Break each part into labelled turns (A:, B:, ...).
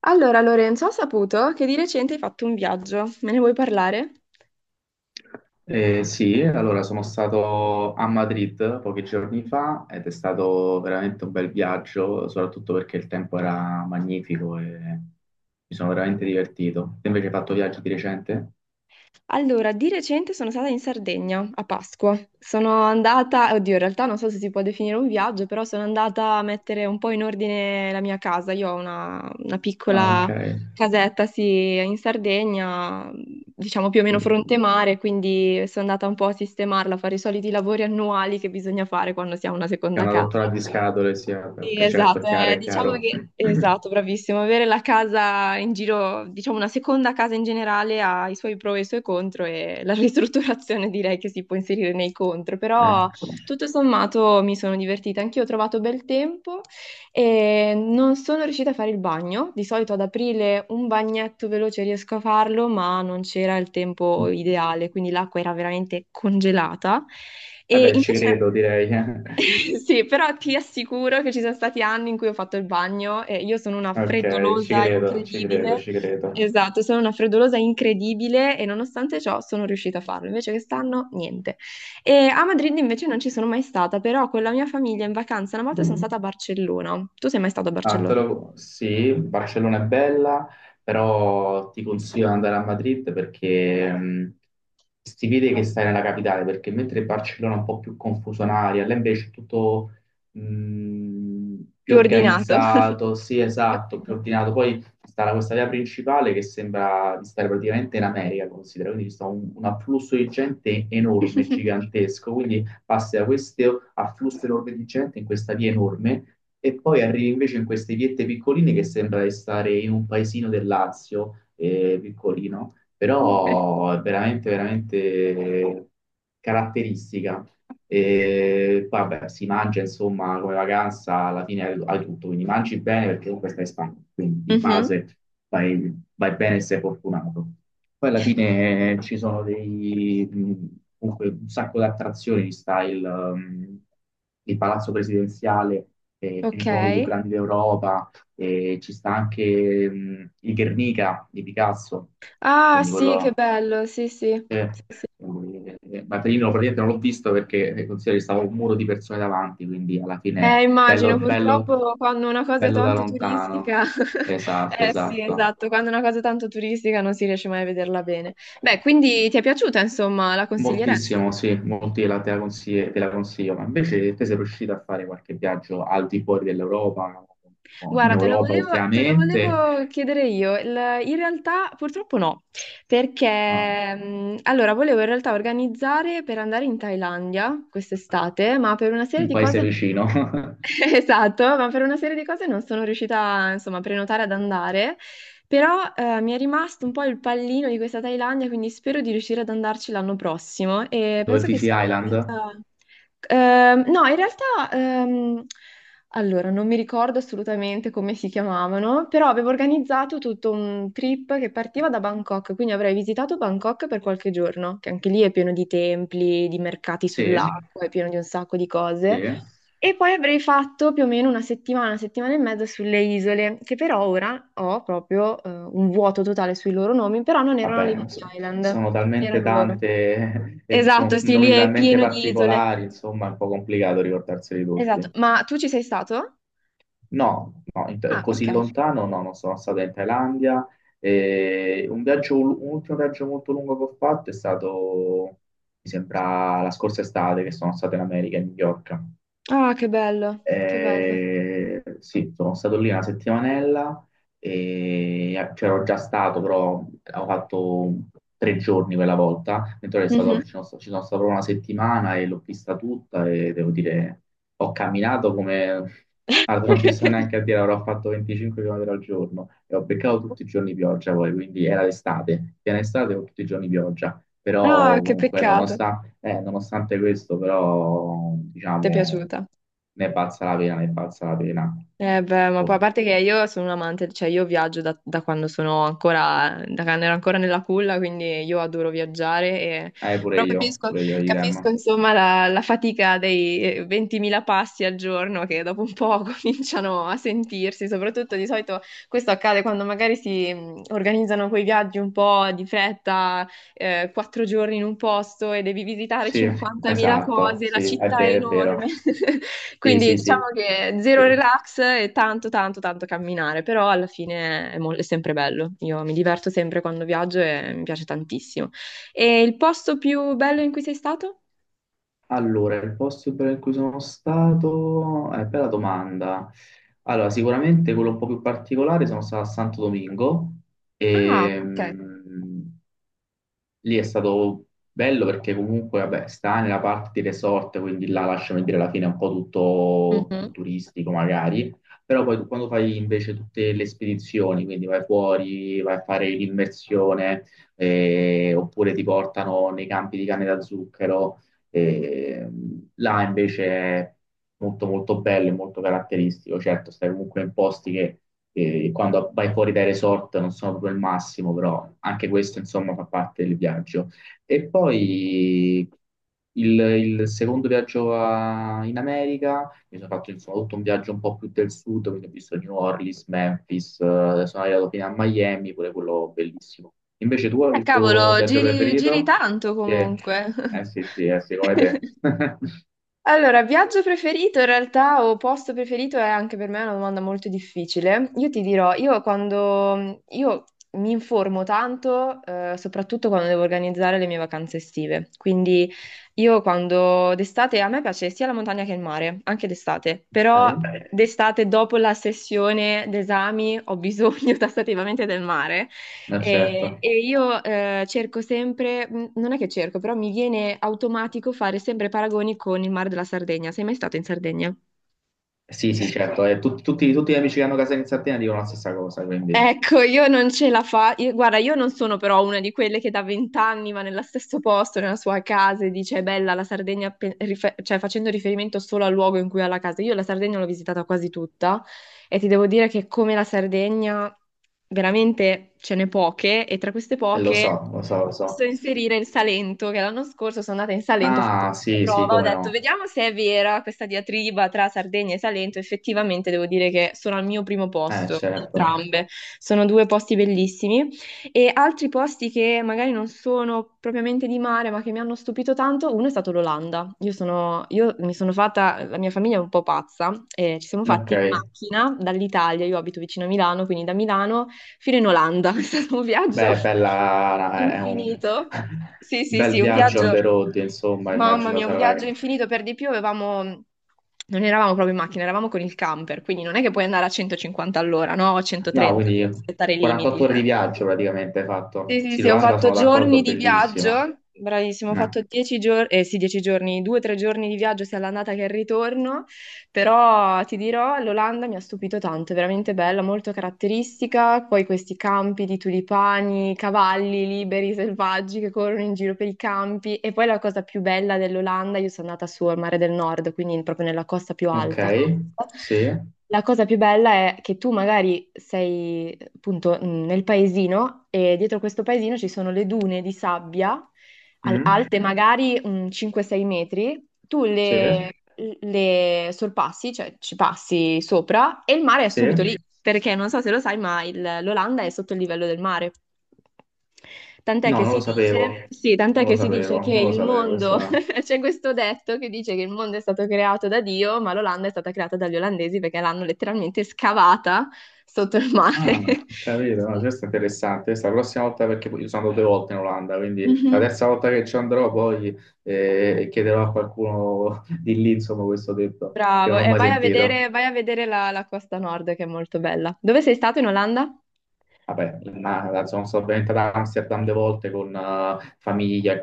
A: Allora, Lorenzo, ho saputo che di recente hai fatto un viaggio. Me ne vuoi parlare?
B: Sì, allora sono stato a Madrid pochi giorni fa ed è stato veramente un bel viaggio, soprattutto perché il tempo era magnifico e mi sono veramente divertito. Te invece hai fatto viaggi di recente?
A: Allora, di recente sono stata in Sardegna a Pasqua. Sono andata, oddio, in realtà non so se si può definire un viaggio, però sono andata a mettere un po' in ordine la mia casa. Io ho una
B: Ah,
A: piccola
B: ok.
A: casetta, sì, in Sardegna, diciamo più o meno
B: Quindi
A: fronte mare, quindi sono andata un po' a sistemarla, a fare i soliti lavori annuali che bisogna fare quando si ha una
B: è
A: seconda
B: una
A: casa.
B: rottura di scatole, sì, vabbè,
A: Sì,
B: ok, certo,
A: esatto,
B: chiaro, è
A: diciamo
B: chiaro.
A: che, esatto, bravissimo, avere la casa in giro, diciamo una seconda casa in generale ha i suoi pro e i suoi contro e la ristrutturazione direi che si può inserire nei contro,
B: Eh.
A: però tutto sommato mi sono divertita, anch'io ho trovato bel tempo e non sono riuscita a fare il bagno. Di solito ad aprile un bagnetto veloce riesco a farlo, ma non c'era il tempo ideale, quindi l'acqua era veramente congelata. E
B: Vabbè, ci
A: invece...
B: credo, direi.
A: Sì, però ti assicuro che ci sono stati anni in cui ho fatto il bagno e io sono una
B: Ok, ci
A: freddolosa
B: credo, ci credo,
A: incredibile.
B: ci credo.
A: Esatto, sono una freddolosa incredibile e nonostante ciò sono riuscita a farlo. Invece quest'anno niente. E a Madrid invece non ci sono mai stata, però con la mia famiglia in vacanza una volta sono stata a Barcellona. Tu sei mai stato a Barcellona?
B: Sì, Barcellona è bella, però ti consiglio di andare a Madrid perché si vede che stai nella capitale, perché mentre Barcellona è un po' più confusionaria, là invece è tutto mh, più
A: Più ordinato.
B: organizzato, sì, esatto, più ordinato. Poi sta questa via principale che sembra di stare praticamente in America, considera, quindi c'è un afflusso di gente
A: Ok.
B: enorme, gigantesco, quindi passi da questo afflusso enorme di gente in questa via enorme e poi arrivi invece in queste viette piccoline che sembra di stare in un paesino del Lazio, piccolino, però è veramente, veramente caratteristica. E vabbè, si mangia insomma come vacanza, alla fine hai tutto, quindi mangi bene perché comunque stai in Spagna, quindi di
A: Mhm.
B: base vai, vai bene e sei fortunato. Poi alla fine ci sono comunque un sacco di attrazioni di style, il Palazzo Presidenziale è
A: Ok.
B: comunque uno dei più grandi d'Europa, e ci sta anche il Guernica di Picasso,
A: Ah,
B: quindi
A: sì, che bello, sì, sì.
B: eh,
A: Sì, sì.
B: Mattarino praticamente non l'ho visto perché considero che stava un muro di persone davanti, quindi alla fine
A: Immagino,
B: bello, bello,
A: purtroppo quando una cosa è
B: bello da
A: tanto
B: lontano.
A: turistica,
B: Esatto,
A: eh sì,
B: esatto.
A: esatto, quando una cosa è tanto turistica non si riesce mai a vederla bene. Beh, quindi ti è piaciuta, insomma, la consiglieresti?
B: Moltissimo, sì, molti la te la consigli- te la consiglio, ma invece te sei riuscito a fare qualche viaggio al di fuori dell'Europa, o in
A: Guarda, te lo
B: Europa
A: volevo, te lo
B: ultimamente?
A: volevo chiedere io. In realtà purtroppo no,
B: Ah,
A: perché allora volevo in realtà organizzare per andare in Thailandia quest'estate, ma per una serie
B: un
A: di
B: paese
A: cose...
B: vicino.
A: Esatto, ma per una serie di cose non sono riuscita, insomma, a prenotare ad andare, però mi è rimasto un po' il pallino di questa Thailandia, quindi spero di riuscire ad andarci l'anno prossimo e
B: Dove,
A: penso che
B: Fiji
A: sia una
B: Island?
A: meta... No, in realtà, ehm, allora, non mi ricordo assolutamente come si chiamavano, però avevo organizzato tutto un trip che partiva da Bangkok, quindi avrei visitato Bangkok per qualche giorno, che anche lì è pieno di templi, di mercati, sì,
B: Sì,
A: sull'acqua, è pieno di un sacco di
B: sì,
A: cose. E poi avrei fatto più o meno una settimana e mezza sulle isole, che però ora ho proprio un vuoto totale sui loro nomi, però non erano le
B: vabbè,
A: Phi
B: lo so.
A: Island, non
B: Sono talmente
A: erano loro.
B: tante e con
A: Esatto, sì, lì
B: nomi
A: è
B: talmente
A: pieno di isole.
B: particolari, insomma, è un po' complicato ricordarseli
A: Esatto,
B: tutti.
A: ma tu ci sei stato?
B: No, no,
A: Ah,
B: così
A: ok.
B: lontano no, non sono stato in Thailandia. E un ultimo viaggio molto lungo che ho fatto è stato, mi sembra, la scorsa estate, che sono stato in America, a New York.
A: Ah, che bello, che bello.
B: Sì, sono stato lì una settimanella e c'ero già stato, però ho fatto 3 giorni quella volta, mentre ero stato,
A: Mhm.
B: ci sono stato proprio una settimana e l'ho vista tutta e devo dire, ho camminato come... Guarda, non ti so neanche a dire, avrò fatto 25 km al giorno e ho beccato tutti i giorni pioggia poi, quindi era l'estate, piena estate con tutti i giorni pioggia, però
A: Ah, che
B: comunque
A: peccato.
B: nonostante... nonostante questo, però,
A: Ti è
B: diciamo,
A: piaciuta?
B: ne è valsa la pena, ne è valsa la pena.
A: Eh beh, ma poi a
B: Oh.
A: parte che io sono un amante, cioè io viaggio da quando ero ancora nella culla, quindi io adoro viaggiare, però capisco,
B: Pure io, idem.
A: capisco, insomma la fatica dei 20.000 passi al giorno che dopo un po' cominciano a sentirsi, soprattutto di solito questo accade quando magari si organizzano quei viaggi un po' di fretta, 4 giorni in un posto e devi visitare
B: Sì,
A: 50.000
B: esatto,
A: cose, la
B: sì, è
A: città è
B: vero, è
A: enorme.
B: vero. Sì,
A: Quindi
B: sì,
A: diciamo
B: sì,
A: che zero
B: sì.
A: relax e tanto, tanto, tanto camminare, però alla fine è, è sempre bello. Io mi diverto sempre quando viaggio e mi piace tantissimo. E il posto più bello in cui sei stato?
B: Allora, il posto bello in cui sono stato, è bella domanda. Allora, sicuramente quello un po' più particolare, sono stato a Santo Domingo,
A: Ah,
B: e,
A: ok.
B: lì è stato bello perché comunque, vabbè, sta nella parte di resort, quindi là lasciami dire alla fine è un po' tutto, tutto
A: Mhm.
B: turistico magari, però poi quando fai invece tutte le spedizioni, quindi vai fuori, vai a fare l'immersione, oppure ti portano nei campi di canne da zucchero, là invece è molto molto bello e molto caratteristico. Certo, stai comunque in posti che quando vai fuori dai resort non sono proprio il massimo, però anche questo insomma fa parte del viaggio. E poi il secondo viaggio in America, mi sono fatto insomma tutto un viaggio un po' più del sud, quindi ho visto New Orleans, Memphis, sono arrivato fino a Miami, pure quello bellissimo. Invece tu, il tuo
A: Cavolo,
B: viaggio
A: giri, giri
B: preferito?
A: tanto
B: Sì.
A: comunque.
B: Eh sì, sì, eh sì, come te.
A: Allora, viaggio preferito in realtà o posto preferito è anche per me una domanda molto difficile. Io ti dirò, io quando io mi informo tanto, soprattutto quando devo organizzare le mie vacanze estive. Quindi io quando d'estate a me piace sia la montagna che il mare, anche d'estate, però
B: Ok?
A: d'estate dopo la sessione d'esami ho bisogno tassativamente del mare
B: Ma
A: e,
B: certo.
A: e io cerco sempre, non è che cerco, però mi viene automatico fare sempre paragoni con il mare della Sardegna. Sei mai stato in Sardegna?
B: Sì, sì, certo. E tutti gli amici che hanno casa in Sardegna dicono la stessa cosa, quindi.
A: Ecco, io non ce la fa. Guarda, io non sono però una di quelle che da 20 anni va nello stesso posto, nella sua casa e dice è bella la Sardegna, cioè facendo riferimento solo al luogo in cui ha la casa. Io la Sardegna l'ho visitata quasi tutta e ti devo dire che come la Sardegna veramente ce n'è poche, e tra queste
B: E lo so,
A: poche
B: lo so, lo
A: posso
B: so.
A: inserire il Salento, che l'anno scorso sono andata in Salento, ho fatto
B: Ah,
A: questa
B: sì, sì,
A: prova, ho
B: come
A: detto
B: no.
A: vediamo se è vera questa diatriba tra Sardegna e Salento, effettivamente devo dire che sono al mio primo posto,
B: Certo.
A: entrambe. Sono due posti bellissimi. E altri posti che magari non sono propriamente di mare, ma che mi hanno stupito tanto, uno è stato l'Olanda. Io mi sono fatta, la mia famiglia è un po' pazza, e ci siamo
B: Ok.
A: fatti in macchina dall'Italia, io abito vicino a Milano, quindi da Milano fino in Olanda. È stato un viaggio
B: Beh, bella, è un
A: infinito. Sì, sì,
B: bel
A: sì, un
B: viaggio on
A: viaggio,
B: the road, insomma,
A: mamma
B: immagino
A: mia, un
B: sarà...
A: viaggio infinito. Per di più avevamo... Non eravamo proprio in macchina, eravamo con il camper, quindi non è che puoi andare a 150 all'ora, no? O
B: No,
A: 130 per
B: quindi
A: rispettare i
B: 48
A: limiti.
B: ore di
A: eh.
B: viaggio praticamente hai fatto.
A: Sì, sì,
B: Sì,
A: sì, ho
B: l'Olanda
A: fatto
B: sono
A: giorni
B: d'accordo,
A: di
B: bellissima.
A: viaggio, bravissimo, ho fatto
B: No.
A: 10 giorni, eh sì, 10 giorni, 2 o 3 giorni di viaggio sia all'andata che al ritorno, però ti dirò, l'Olanda mi ha stupito tanto, è veramente bella, molto caratteristica, poi questi campi di tulipani, cavalli liberi, selvaggi che corrono in giro per i campi, e poi la cosa più bella dell'Olanda, io sono andata su al Mare del Nord, quindi proprio nella costa più
B: Ok,
A: alta.
B: sì.
A: La cosa più bella è che tu magari sei appunto nel paesino e dietro questo paesino ci sono le dune di sabbia
B: Mm.
A: alte magari 5-6 metri, tu. Sì,
B: Sì?
A: le sorpassi, cioè ci passi sopra e il mare è
B: Sì?
A: subito lì, perché non so se lo sai, ma l'Olanda è sotto il livello del mare. Tant'è
B: No,
A: che
B: non
A: si
B: lo
A: dice,
B: sapevo.
A: sì, tant'è
B: Non lo
A: che si dice
B: sapevo,
A: che
B: non lo
A: il
B: sapevo.
A: mondo,
B: Questa...
A: c'è questo detto che dice che il mondo è stato creato da Dio, ma l'Olanda è stata creata dagli olandesi perché l'hanno letteralmente scavata sotto il mare.
B: Ah, ho capito, no,
A: Sì.
B: questo è interessante. Questa la prossima volta, perché io sono andato 2 volte in Olanda, quindi la
A: Mhm.
B: terza volta che ci andrò poi chiederò a qualcuno di lì, insomma, questo detto, che
A: Bravo,
B: non ho
A: e
B: mai sentito.
A: vai a vedere la costa nord che è molto bella. Dove sei stato in Olanda?
B: Vabbè, ma, insomma, sono venuto ad Amsterdam 2 volte con famiglia e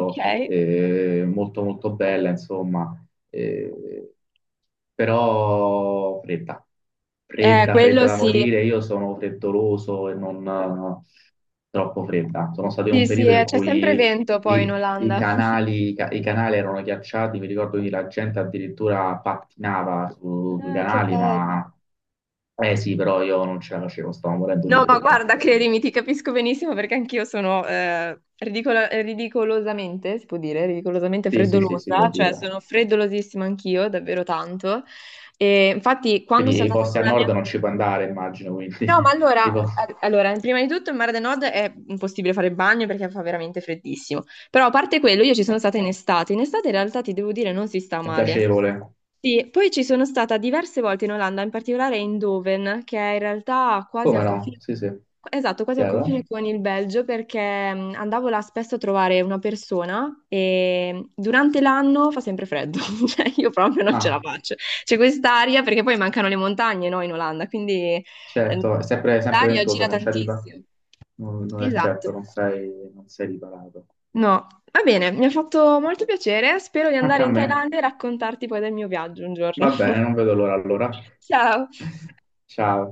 A: Ok.
B: molto molto bella, insomma. Eh, però fredda, fredda,
A: Quello
B: fredda da
A: sì.
B: morire. Io sono freddoloso e non troppo fredda. Sono stato in
A: Sì,
B: un
A: sì,
B: periodo in
A: c'è sempre
B: cui
A: vento poi in
B: i
A: Olanda.
B: canali, i canali erano ghiacciati, mi ricordo che la gente addirittura pattinava sui
A: Ah, che
B: canali,
A: bello.
B: ma eh sì, però io non ce la facevo, stavo morendo di
A: No, ma
B: freddo, mi
A: guarda,
B: ricordo.
A: credimi, ti capisco benissimo perché anch'io sono ridicolosamente, si può dire, ridicolosamente
B: Sì, sì, sì, si può
A: freddolosa, cioè
B: dire.
A: sono freddolosissima anch'io, davvero tanto. E infatti, quando sono
B: Quindi i
A: andata
B: posti
A: con
B: al
A: la
B: nord
A: mia...
B: non ci puoi andare, immagino,
A: No, ma
B: quindi
A: allora,
B: tipo,
A: allora, prima di tutto in Mare del Nord è impossibile fare il bagno perché fa veramente freddissimo. Però a parte quello, io ci sono stata in estate. In estate in realtà ti devo dire non si sta
B: è
A: male.
B: piacevole.
A: Sì, poi ci sono stata diverse volte in Olanda, in particolare in Doven, che è in realtà quasi
B: Come
A: al
B: no?
A: confine,
B: Sì, sì.
A: esatto, quasi al
B: Chiaro?
A: confine con il Belgio, perché andavo là spesso a trovare una persona e durante l'anno fa sempre freddo, cioè io proprio non ce la
B: Ah.
A: faccio. C'è quest'aria perché poi mancano le montagne, no, in Olanda, quindi eh,
B: Certo, è sempre
A: l'aria
B: ventosa,
A: gira
B: non ci arriva,
A: tantissimo.
B: non è
A: Esatto.
B: certo, non sei riparato.
A: No, va bene, mi ha fatto molto piacere. Spero di
B: Anche
A: andare
B: a
A: in
B: me.
A: Thailandia e raccontarti poi del mio viaggio un giorno.
B: Va bene, non vedo l'ora allora.
A: Ciao.
B: Ciao.